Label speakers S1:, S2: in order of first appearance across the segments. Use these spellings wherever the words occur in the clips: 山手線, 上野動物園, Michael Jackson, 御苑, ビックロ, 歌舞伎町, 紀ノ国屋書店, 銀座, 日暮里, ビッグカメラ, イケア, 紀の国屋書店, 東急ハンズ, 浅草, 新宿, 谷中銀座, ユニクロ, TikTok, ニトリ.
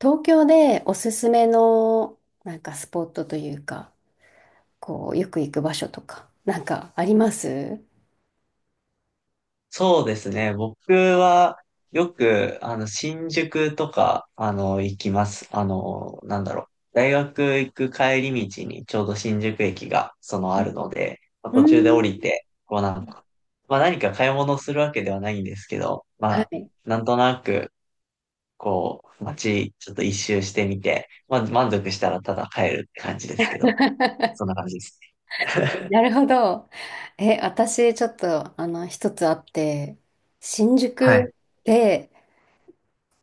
S1: 東京でおすすめの、なんかスポットというか、こうよく行く場所とか、なんかありますう
S2: そうですね。僕はよく、新宿とか、行きます。大学行く帰り道にちょうど新宿駅が、あるので、まあ
S1: ー
S2: 途中で降り
S1: ん。
S2: て、こうなんか、まあ何か買い物するわけではないんですけど、ま
S1: は
S2: あ、
S1: い。
S2: なんとなく、こう、街、ちょっと一周してみて、まあ満足したらただ帰るって感じですけど、そんな感じですね。
S1: なるほど。え、私ちょっと一つあって、新
S2: はい。
S1: 宿で、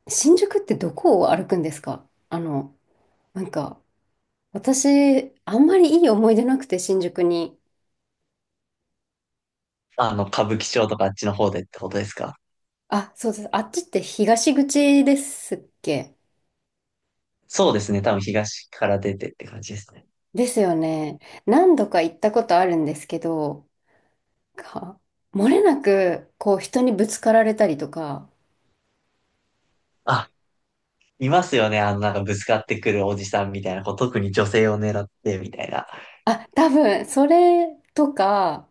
S1: 新宿ってどこを歩くんですか？なんか私あんまりいい思い出なくて新宿に。
S2: 歌舞伎町とかあっちの方でってことですか？
S1: あ、そうです。あっちって東口ですっけ？
S2: そうですね。多分東から出てって感じですね。
S1: ですよね。何度か行ったことあるんですけど、か、漏れなく、こう、人にぶつかられたりとか、
S2: あ、いますよね。なんかぶつかってくるおじさんみたいな、こう、特に女性を狙ってみたいな。
S1: あ、多分、それとか、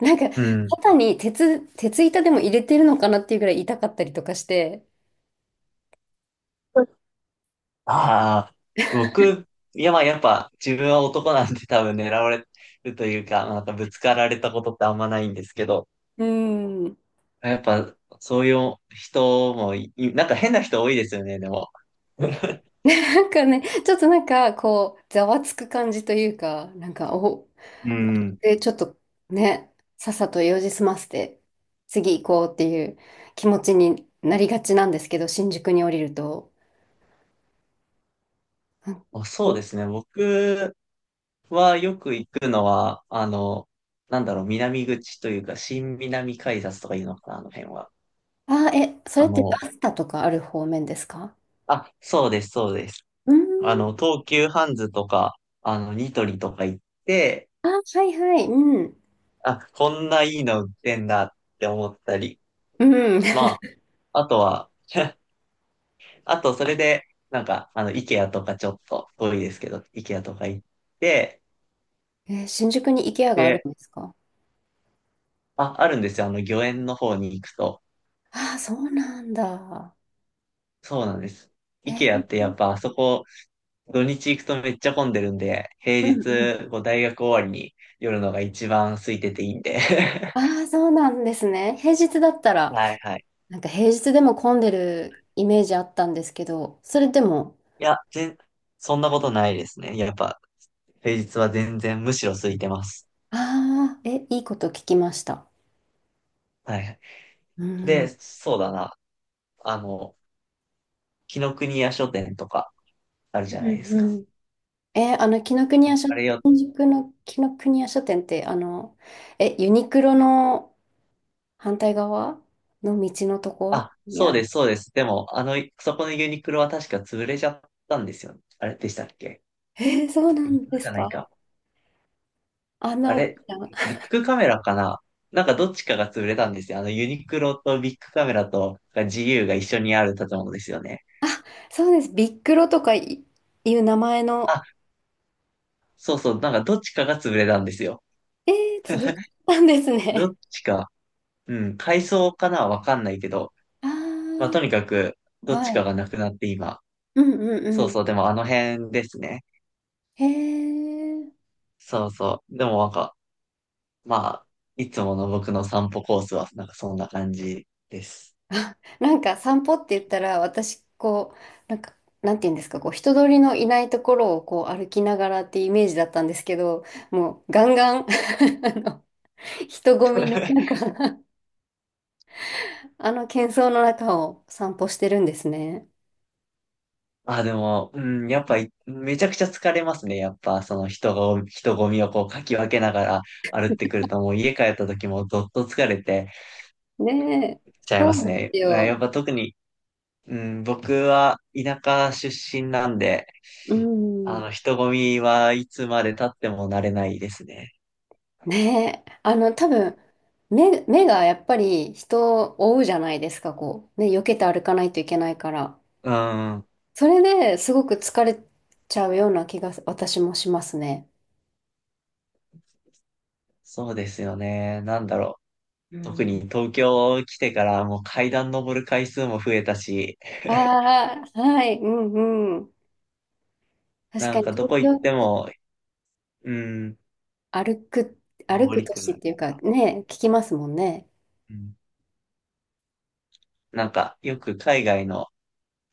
S1: なんか、
S2: うん。
S1: 肩に鉄板でも入れてるのかなっていうぐらい痛かったりとかして。
S2: ああ、僕、いや、まあ、やっぱ、自分は男なんで多分狙われるというか、なんかぶつかられたことってあんまないんですけど、
S1: うん。
S2: やっぱ、そういう人もい、なんか変な人多いですよね、でも。
S1: なんかね、ちょっとなんか、こう、ざわつく感じというか、なんか、
S2: うん。
S1: で、ちょっとね、さっさと用事済ませて、次行こうっていう気持ちになりがちなんですけど、新宿に降りると。う
S2: あ、そう
S1: ん。
S2: ですね。僕はよく行くのは、南口というか、新南改札とかいうのかな、あの辺は。
S1: あ、え、それ
S2: あ
S1: って
S2: の、
S1: バスタとかある方面ですか？
S2: あ、そうです、そうです。
S1: うーん。
S2: 東急ハンズとか、ニトリとか行って、
S1: あ、はいはい。うん。
S2: あ、こんないいの売ってんだって思ったり、
S1: うん。
S2: まあ、あとは、あと、それで、イケアとかちょっと遠いですけど、イケアとか行って、
S1: えー、新宿に IKEA がある
S2: で、
S1: んですか？
S2: あ、あるんですよ、御苑の方に行くと。
S1: ああ、そうなんだ。
S2: そうなんです。
S1: え
S2: IKEA
S1: ー。
S2: ってやっぱあそこ、土日行くとめっちゃ混んでるんで、
S1: う
S2: 平
S1: んうん。
S2: 日、こう大学終わりに寄るのが一番空いてていいんで。
S1: あ あ、そうなんですね。平日だったら、
S2: はいはい。
S1: なんか平日でも混んでるイメージあったんですけど、それでも、
S2: いや、全、そんなことないですね。やっぱ、平日は全然むしろ空いてます。
S1: ああ、え、いいこと聞きました。
S2: はいはい。
S1: うん。
S2: で、そうだな。あの、紀の国屋書店とかある
S1: う
S2: じゃないで
S1: ん
S2: す
S1: う
S2: か。
S1: ん。えーあの、紀ノ国
S2: あ
S1: 屋書、
S2: あれよ、
S1: 新宿の紀ノ国屋書店って、ユニクロの、反対側の道のとこ
S2: あ、
S1: ろに
S2: そ
S1: あ
S2: うで
S1: る。
S2: す、そうです。でも、そこのユニクロは確か潰れちゃったんですよ。あれでしたっけ？
S1: えー、そうな
S2: ユニ
S1: ん
S2: ク
S1: で
S2: ロじ
S1: す
S2: ゃない
S1: か？
S2: か。
S1: あんな
S2: あ
S1: 大き
S2: れ、
S1: な。
S2: ビッグカメラかな？なんかどっちかが潰れたんですよ。ユニクロとビッグカメラと自由が一緒にある建物ですよね。
S1: そうです。ビックロとかいう名前
S2: あ、
S1: の。
S2: そうそう、なんかどっちかが潰れたんですよ。
S1: えー、潰れたんです
S2: ど
S1: ね。
S2: っちか、うん、改装かなわかんないけど、まあ、
S1: あ
S2: とにかく、
S1: あ、
S2: どっち
S1: は
S2: か
S1: い。
S2: がなくなって今。
S1: うんうん
S2: そ
S1: う
S2: う
S1: ん。
S2: そう、でもあの辺ですね。
S1: へえ。
S2: そうそう。でもなんか、まあ、いつもの僕の散歩コースは、なんかそんな感じです。
S1: あ、なんか散歩って言ったら、私、こう、なんか、なんて言うんですか、こう、人通りのいないところをこう歩きながらってイメージだったんですけど、もうガンガン あの人混みの 中、あの喧騒の中を散歩してるんですね。
S2: あ、でも、うん、やっぱい、めちゃくちゃ疲れますね。やっぱ、人混みをこう、かき分けながら歩ってくると、もう家帰った時もどっと疲れて
S1: ねえ、
S2: ちゃい
S1: そ
S2: ま
S1: う
S2: す
S1: で
S2: ね。
S1: す
S2: うん
S1: よ。
S2: やっぱ特に、うん、僕は田舎出身なんで、
S1: うん。
S2: 人混みはいつまで経っても慣れないですね。
S1: ねえ、多分、目がやっぱり人を追うじゃないですか、こう。ね、避けて歩かないといけないから。
S2: うん、
S1: それですごく疲れちゃうような気が私もしますね。
S2: そうですよね。なんだろう。
S1: う
S2: 特
S1: ん。
S2: に東京来てからもう階段登る回数も増えたし、
S1: ああ、はい、うんうん。確
S2: な
S1: か
S2: ん
S1: に
S2: かど
S1: 東
S2: こ行って
S1: 京、
S2: も、うん、
S1: 歩く、歩
S2: 登
S1: く
S2: り
S1: 都
S2: く
S1: 市
S2: な
S1: っ
S2: る。
S1: ていうかね、聞きますもんね。
S2: うん、なんか、よく海外の、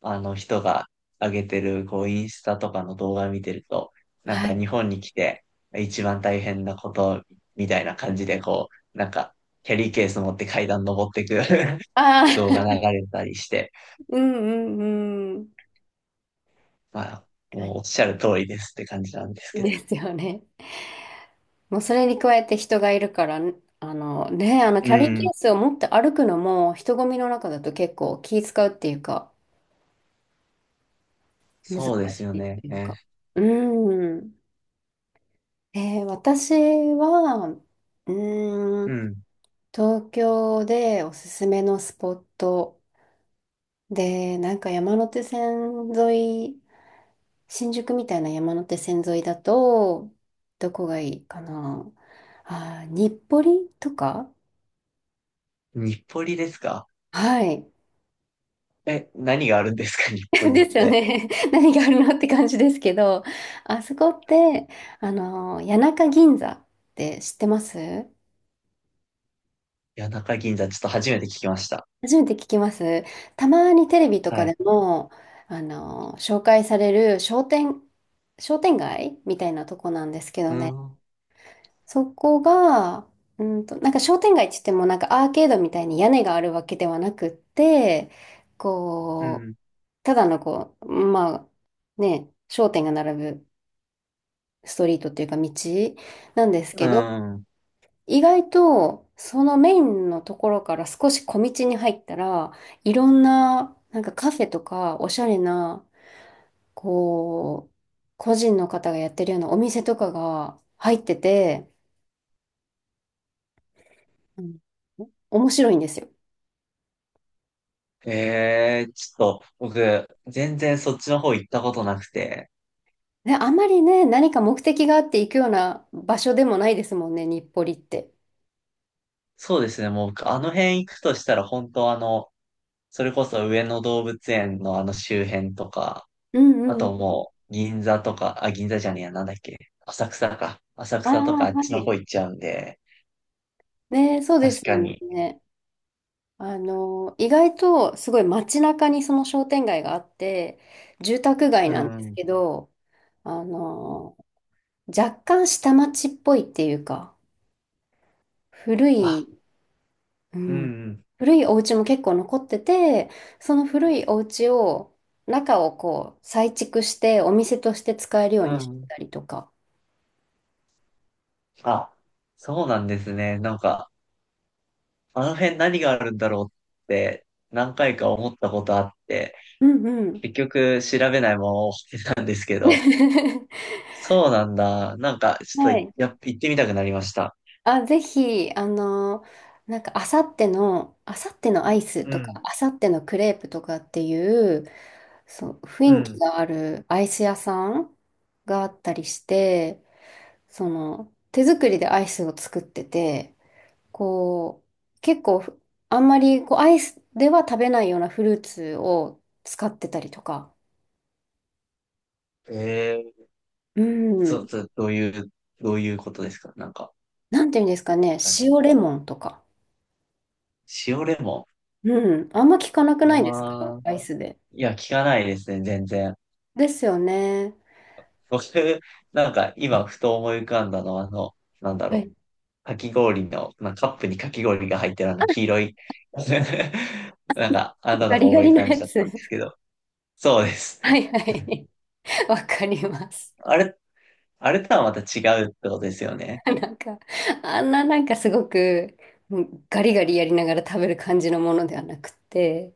S2: あの人が上げてる、こう、インスタとかの動画見てると、なん
S1: は
S2: か
S1: い。
S2: 日本に来て、一番大変なこと、みたいな感じで、こう、なんか、キャリーケース持って階段登ってく
S1: ああ、
S2: 動画流 れたりして、
S1: うんうんうん。
S2: まあ、
S1: 確か
S2: もうおっ
S1: に
S2: しゃる
S1: ね。
S2: 通りですって感じなんですけど。
S1: ですよね。もうそれに加えて人がいるから、ね、
S2: う
S1: キャリーケ
S2: ん、
S1: ースを持って歩くのも人混みの中だと結構気使うっていうか、難し
S2: そうですよ
S1: いっ
S2: ね。
S1: ていうか。
S2: ね。
S1: うん。私は、ー
S2: う
S1: ん、
S2: ん。
S1: 東京でおすすめのスポットで、なんか山手線沿い、新宿みたいな山手線沿いだと、どこがいいかな。あー、日暮里とか？
S2: 日暮里ですか？
S1: はい。
S2: え、何があるんですか？日暮 里っ
S1: ですよ
S2: て。
S1: ね。何があるのって感じですけど、あそこって、谷中銀座って知ってます？
S2: 谷中銀座、ちょっと初めて聞きました。
S1: 初めて聞きます。たまにテレビと
S2: は
S1: か
S2: い。
S1: でも、紹介される商店街みたいなとこなんですけど
S2: う
S1: ね。
S2: ん。
S1: そこが、なんか商店街って言っても、なんかアーケードみたいに屋根があるわけではなくって、
S2: う
S1: こう、
S2: ん
S1: ただのこう、まあ、ね、商店が並ぶ。ストリートっていうか道なんです
S2: う
S1: けど、
S2: ん。
S1: 意外とそのメインのところから少し小道に入ったら、いろんななんかカフェとかおしゃれな、こう、個人の方がやってるようなお店とかが入ってて、うん、面白いんですよ。
S2: ええ、ちょっと、僕、全然そっちの方行ったことなくて。
S1: で、あまりね、何か目的があって行くような場所でもないですもんね、日暮里って。
S2: そうですね、もう僕、あの辺行くとしたら、本当あの、それこそ上野動物園のあの周辺とか、
S1: うん
S2: あ
S1: うんう
S2: と
S1: ん。
S2: もう、銀座とか、あ、銀座じゃねえや、なんだっけ、浅草か。浅
S1: ああ、
S2: 草とかあっ
S1: は
S2: ちの方
S1: い。
S2: 行っちゃうんで、
S1: ね、そうで
S2: 確
S1: す
S2: か
S1: よ
S2: に。
S1: ね。意外とすごい街中にその商店街があって、住宅街
S2: う
S1: なんです
S2: ん。
S1: けど、あの、若干下町っぽいっていうか、古
S2: あ、
S1: い、う
S2: う
S1: ん、
S2: ん、
S1: 古いお家も結構残ってて、その古いお家を、中をこう再築してお店として使えるよう
S2: う
S1: にし
S2: ん。う
S1: て
S2: ん、
S1: たりとか。
S2: あ、そうなんですね。なんか、あの辺何があるんだろうって、何回か思ったことあって、
S1: うんうん。
S2: 結局調べないまま終わってたんですけど。そうなんだ。なんか、ちょっ
S1: は
S2: と、
S1: い。
S2: やっ、行ってみたくなりました。
S1: あ、ぜひ、なんか、あさってのアイス
S2: う
S1: とか、
S2: ん、
S1: あさってのクレープとかっていう、そう、
S2: う
S1: 雰囲気
S2: ん。
S1: があるアイス屋さんがあったりして、その、手作りでアイスを作ってて、こう、結構、あんまり、こう、アイスでは食べないようなフルーツを使ってたりとか、
S2: え
S1: う
S2: え
S1: ん、
S2: そ、そ、どういう、どういうことですか？なんか、
S1: なんていうんですかね、
S2: あれ。
S1: 塩レモンとか、
S2: 塩レモ
S1: うん、あんま聞かなくないですか、
S2: ン。ああ、
S1: アイスで。
S2: いや、聞かないですね、全然。
S1: ですよね。
S2: 僕、なんか、今、ふと思い浮かんだのは、なんだ
S1: は
S2: ろ
S1: い。
S2: かき氷の、まあ、カップにかき氷が入ってるあの、黄色い。なんか、あんなの
S1: ガ
S2: が
S1: リガ
S2: 思い
S1: リ
S2: 浮
S1: の
S2: かん
S1: や
S2: じゃっ
S1: つ。
S2: たんです けど。そうです。
S1: はいはい。わかります。
S2: あれっあれとはまた違うってことですよね。
S1: なんか、あんななんかすごく、もうガリガリやりながら食べる感じのものではなくて、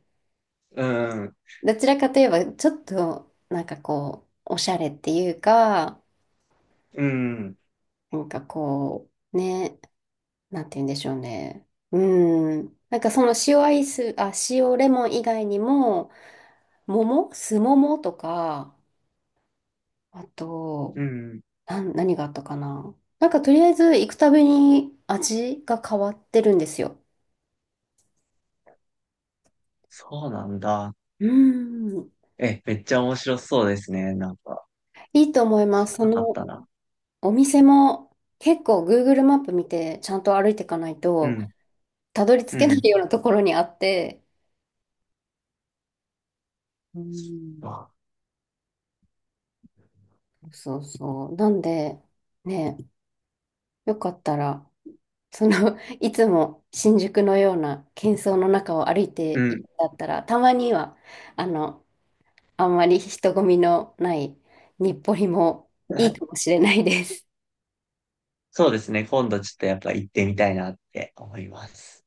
S2: うん、
S1: どちらかといえば、ちょっと、なんかこう、おしゃれっていうか、
S2: うん、
S1: なんかこう、ね、なんて言うんでしょうね。うん。なんかその塩アイス、あ、塩レモン以外にも、桃、酢桃とか、あ
S2: う
S1: と、
S2: ん。
S1: 何があったかな。なんかとりあえず行くたびに味が変わってるんですよ。
S2: そうなんだ。
S1: うーん。
S2: え、めっちゃ面白そうですね。なんか、
S1: いいと思いま
S2: 知
S1: す。
S2: ら
S1: そ
S2: なかっ
S1: の
S2: たな。
S1: お店も結構グーグルマップ見てちゃんと歩いていかない
S2: う
S1: と
S2: ん、
S1: たどり着
S2: う
S1: けない
S2: ん。
S1: ようなところにあって。うーん。
S2: あ
S1: そうそう。なんで、ね、よかったら、その、いつも新宿のような喧騒の中を歩い
S2: う
S1: ていく
S2: ん。
S1: んだったら、たまには、あの、あんまり人混みのない日暮里もいいかも しれないです。
S2: そうですね。今度ちょっとやっぱ行ってみたいなって思います。